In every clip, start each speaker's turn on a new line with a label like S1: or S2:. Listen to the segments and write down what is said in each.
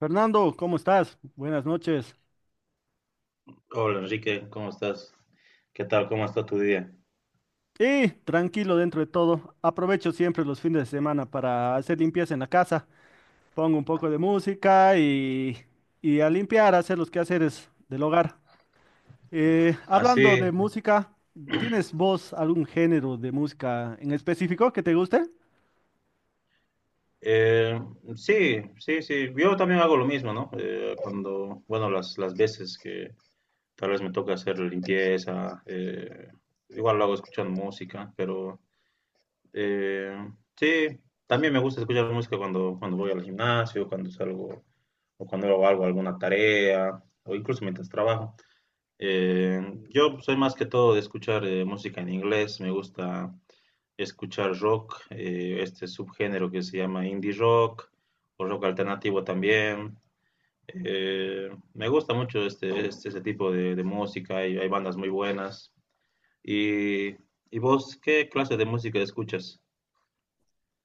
S1: Fernando, ¿cómo estás? Buenas noches.
S2: Hola Enrique, ¿cómo estás? ¿Qué tal? ¿Cómo está tu día?
S1: Y tranquilo dentro de todo. Aprovecho siempre los fines de semana para hacer limpieza en la casa. Pongo un poco de música y a limpiar, a hacer los quehaceres del hogar. Hablando
S2: Así,
S1: de música, ¿tienes vos algún género de música en específico que te guste?
S2: eh, sí, sí, sí. Yo también hago lo mismo, ¿no? Cuando, bueno, las veces que tal vez me toca hacer limpieza, igual lo hago escuchando música, pero eh, sí, también me gusta escuchar música cuando, cuando voy al gimnasio, cuando salgo o cuando hago algo, alguna tarea, o incluso mientras trabajo. Eh, yo soy más que todo de escuchar música en inglés, me gusta escuchar rock, este subgénero que se llama indie rock o rock alternativo también. Me gusta mucho este tipo de música y hay bandas muy buenas. ¿Y, y vos qué clase de música escuchas?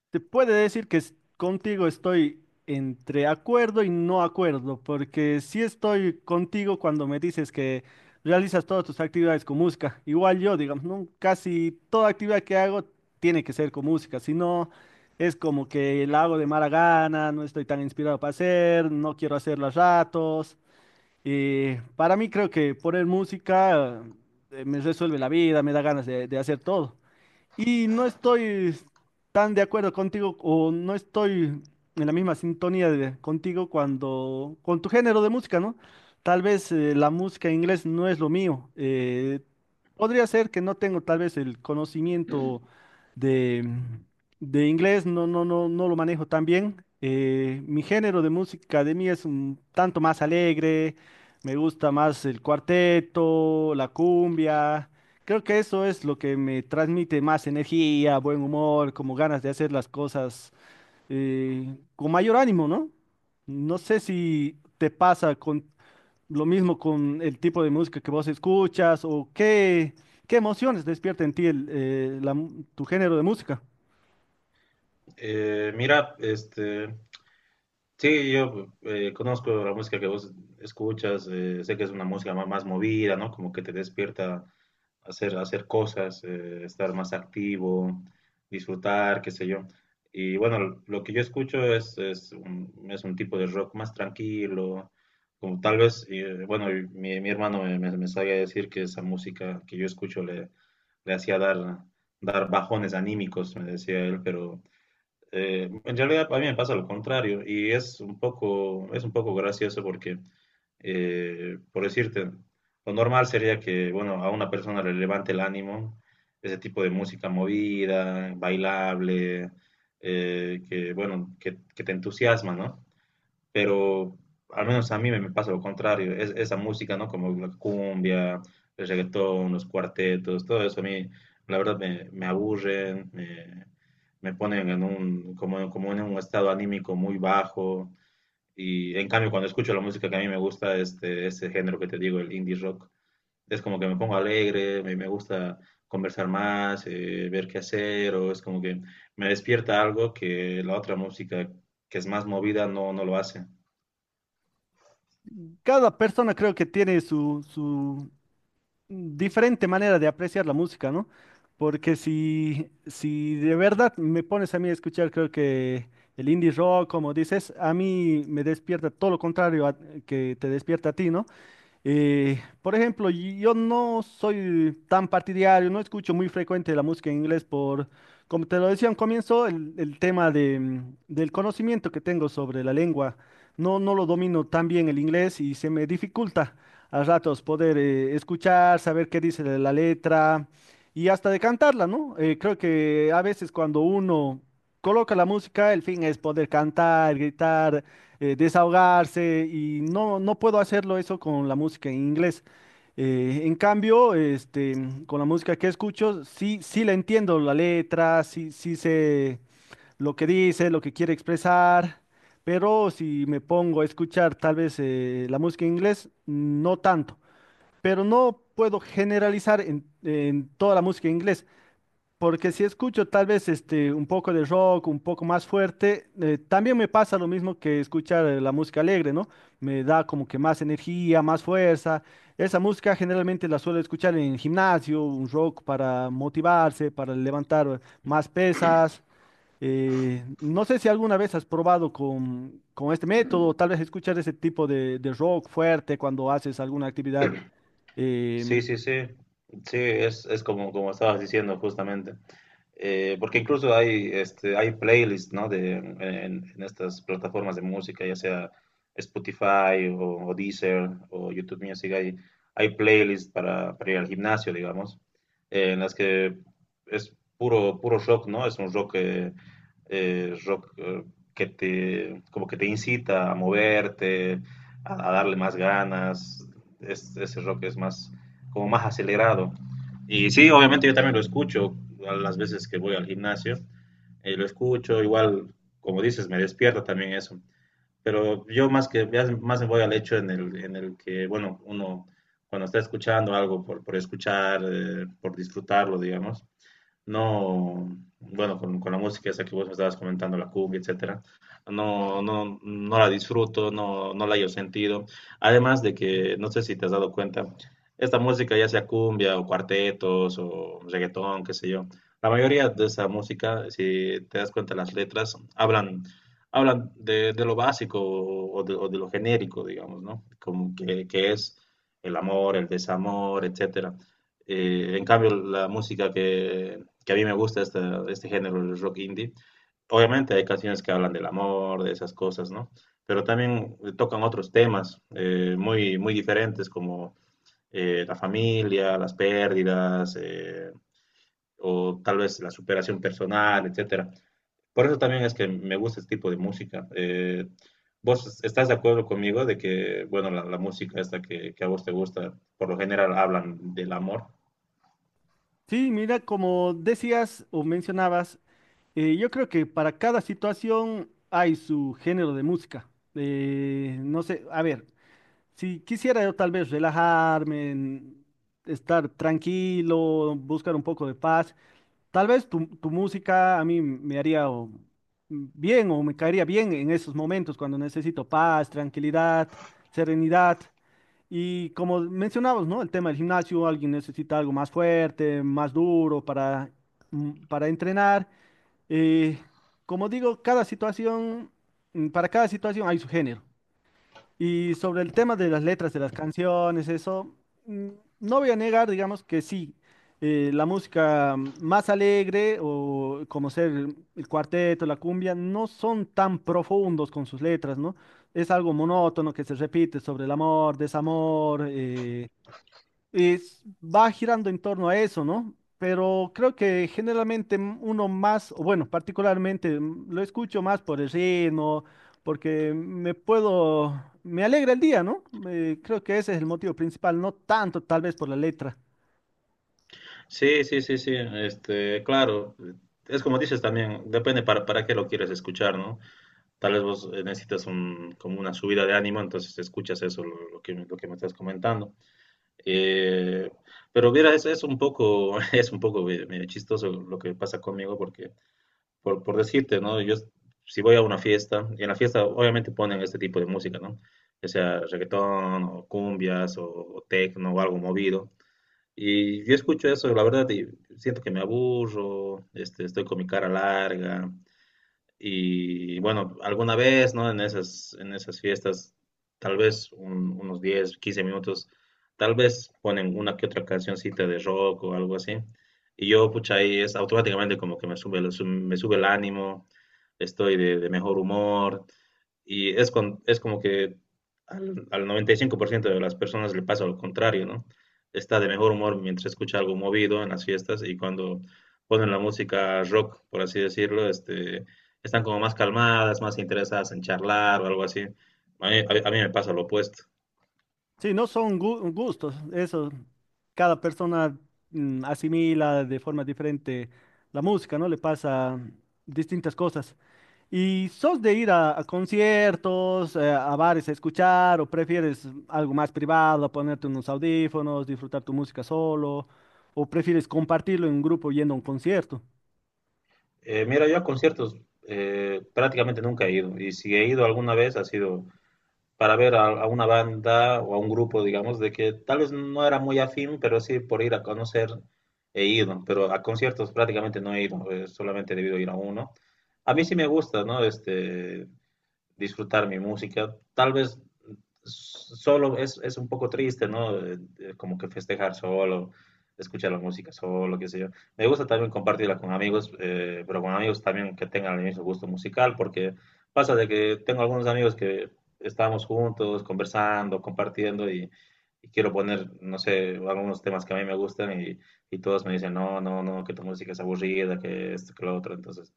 S1: Te puede decir que contigo estoy entre acuerdo y no acuerdo, porque sí estoy contigo cuando me dices que realizas todas tus actividades con música. Igual yo, digamos, ¿no? Casi toda actividad que hago tiene que ser con música, si no es como que la hago de mala gana, no estoy tan inspirado para hacer, no quiero hacerla a ratos. Y para mí creo que poner música me resuelve la vida, me da ganas de hacer todo. Y no estoy tan de acuerdo contigo o no estoy en la misma sintonía contigo cuando con tu género de música, ¿no? Tal vez la música en inglés no es lo mío. Podría ser que no tengo tal vez el conocimiento de, de inglés, no, no, no, no lo manejo tan bien. Mi género de música de mí es un tanto más alegre, me gusta más el cuarteto, la cumbia. Creo que eso es lo que me transmite más energía, buen humor, como ganas de hacer las cosas con mayor ánimo, ¿no? No sé si te pasa con lo mismo con el tipo de música que vos escuchas o qué, qué emociones despierta en ti el, la tu género de música.
S2: Mira, este, sí, yo conozco la música que vos escuchas, sé que es una música más movida, ¿no? Como que te despierta hacer cosas, estar más activo, disfrutar, qué sé yo. Y bueno, lo que yo escucho es un tipo de rock más tranquilo, como tal vez, bueno, y mi hermano me sabía decir que esa música que yo escucho le hacía dar bajones anímicos, me decía él, pero en realidad a mí me pasa lo contrario y es un poco gracioso porque, por decirte, lo normal sería que, bueno, a una persona le levante el ánimo ese tipo de música movida, bailable, que, bueno, que te entusiasma, ¿no? Pero al menos a mí me pasa lo contrario, esa música, ¿no? Como la cumbia, el reggaetón, los cuartetos, todo eso a mí, la verdad, me aburren, me ponen como en un estado anímico muy bajo. Y en cambio, cuando escucho la música que a mí me gusta, este, ese género que te digo, el indie rock, es como que me pongo alegre, me gusta conversar más, ver qué hacer, o es como que me despierta algo que la otra música que es más movida no lo hace.
S1: Cada persona creo que tiene su diferente manera de apreciar la música, ¿no? Porque si de verdad me pones a mí a escuchar, creo que el indie rock, como dices, a mí me despierta todo lo contrario que te despierta a ti, ¿no? Por ejemplo, yo no soy tan partidario, no escucho muy frecuente la música en inglés por, como te lo decía al comienzo, el tema del conocimiento que tengo sobre la lengua. No, no lo domino tan bien el inglés y se me dificulta a ratos poder escuchar, saber qué dice la letra y hasta de cantarla, ¿no? Creo que a veces cuando uno coloca la música, el fin es poder cantar, gritar, desahogarse y no, no puedo hacerlo eso con la música en inglés. Eh, en cambio, este, con la música que escucho, sí, sí la entiendo la letra, sí, sí sé lo que dice, lo que quiere expresar, pero si me pongo a escuchar tal vez la música en inglés, no tanto. Pero no puedo generalizar en toda la música en inglés. Porque si escucho tal vez este un poco de rock, un poco más fuerte, también me pasa lo mismo que escuchar la música alegre, ¿no? Me da como que más energía, más fuerza. Esa música generalmente la suelo escuchar en el gimnasio, un rock para motivarse, para levantar más pesas. No sé si alguna vez has probado con este método, tal vez escuchar ese tipo de rock fuerte cuando haces alguna actividad.
S2: Sí,
S1: Em,
S2: sí, sí. Sí, es como, estabas diciendo justamente. Porque incluso este, hay playlists, ¿no? en estas plataformas de música, ya sea Spotify o Deezer o YouTube Music, hay playlists para ir al gimnasio, digamos, en las que es puro, puro rock, ¿no? Es un rock, como que te incita a moverte, a darle más ganas. Ese rock es más como más acelerado. Y sí, obviamente yo también lo escucho a las veces que voy al gimnasio, lo escucho, igual, como dices, me despierta también eso. Pero yo más que más me voy al hecho en el que, bueno, uno cuando está escuchando algo por escuchar, por disfrutarlo, digamos, no, bueno, con la música esa que vos me estabas comentando, la cumbia, etcétera, no, no, no la disfruto, no, no la hallo sentido. Además de que, no sé si te has dado cuenta, esta música, ya sea cumbia o cuartetos o reggaetón, qué sé yo, la mayoría de esa música, si te das cuenta, las letras hablan de lo básico o de lo genérico, digamos, ¿no? Como que es el amor, el desamor, etcétera. En cambio, la música que a mí me gusta este, este género, el rock indie. Obviamente hay canciones que hablan del amor, de esas cosas, ¿no? Pero también tocan otros temas muy, muy diferentes como la familia, las pérdidas, o tal vez la superación personal, etcétera. Por eso también es que me gusta este tipo de música. ¿Vos estás de acuerdo conmigo de que, bueno, la música esta que a vos te gusta, por lo general hablan del amor?
S1: sí, mira, como decías o mencionabas. Yo creo que para cada situación hay su género de música. No sé, a ver, si quisiera yo tal vez relajarme, estar tranquilo, buscar un poco de paz, tal vez tu música a mí me haría bien o me caería bien en esos momentos cuando necesito paz, tranquilidad, serenidad. Y como mencionabas, ¿no? El tema del gimnasio, alguien necesita algo más fuerte, más duro para, para entrenar. Eh, Como digo, cada situación, para cada situación hay su género. Y sobre el tema de las letras de las canciones, eso, mm, no voy a negar, digamos que sí, la música más alegre o como ser el cuarteto, la cumbia, no son tan profundos con sus letras, ¿no? Es algo monótono que se repite sobre el amor, desamor, va girando en torno a eso, ¿no? Pero creo que generalmente uno más, o bueno, particularmente lo escucho más por el ritmo, porque me puedo, me alegra el día, ¿no? Creo que ese es el motivo principal, no tanto tal vez por la letra.
S2: Sí, sí, sí, sí, este, claro, es como dices también, depende para qué lo quieres escuchar, ¿no? Tal vez vos necesitas como una subida de ánimo, entonces escuchas eso, lo que me estás comentando. Eh, pero mira, es un poco, es un poco medio chistoso lo que pasa conmigo, porque, por decirte, ¿no? Yo, si voy a una fiesta, y en la fiesta obviamente ponen este tipo de música, ¿no? Ya sea reggaetón, o cumbias, o tecno, o algo movido. Y yo escucho eso, la verdad, y siento que me aburro, este, estoy con mi cara larga. Y bueno, alguna vez, ¿no? En esas fiestas, tal vez unos 10 15 minutos, tal vez ponen una que otra cancioncita de rock o algo así. Y yo, pucha, ahí es automáticamente como que me sube, me sube el ánimo, estoy de mejor humor. Y es como que al 95% de las personas le pasa lo contrario, ¿no? Está de mejor humor mientras escucha algo movido en las fiestas y cuando ponen la música rock, por así decirlo, este, están como más calmadas, más interesadas en charlar o algo así. A mí me pasa lo opuesto.
S1: Sí, no son gustos, eso cada persona asimila de forma diferente la música, ¿no? Le pasa distintas cosas. ¿Y sos de ir a conciertos, a bares a escuchar o prefieres algo más privado, ponerte unos audífonos, disfrutar tu música solo o prefieres compartirlo en un grupo yendo a un concierto?
S2: Mira, yo a conciertos prácticamente nunca he ido y si he ido alguna vez ha sido para ver a una banda o a un grupo, digamos, de que tal vez no era muy afín, pero sí por ir a conocer he ido, pero a conciertos prácticamente no he ido, solamente he debido ir a uno. A mí sí me gusta, ¿no? Este, disfrutar mi música. Tal vez solo es un poco triste, ¿no? Como que festejar solo, escuchar la música solo, qué sé yo. Me gusta también compartirla con amigos, pero con amigos también que tengan el mismo gusto musical, porque pasa de que tengo algunos amigos que estábamos juntos, conversando, compartiendo y quiero poner, no sé, algunos temas que a mí me gustan y todos me dicen, no, no, no, que tu música es aburrida, que esto, que lo otro. Entonces,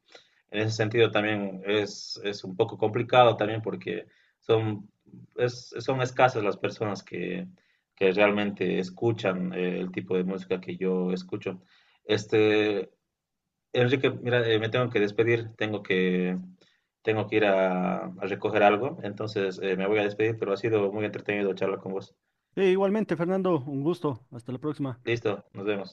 S2: en ese sentido también es un poco complicado también porque son, son escasas las personas que realmente escuchan el tipo de música que yo escucho. Este, Enrique, mira, me tengo que despedir, tengo que ir a recoger algo, entonces me voy a despedir, pero ha sido muy entretenido charlar con vos.
S1: Sí, igualmente, Fernando, un gusto. Hasta la próxima.
S2: Listo, nos vemos.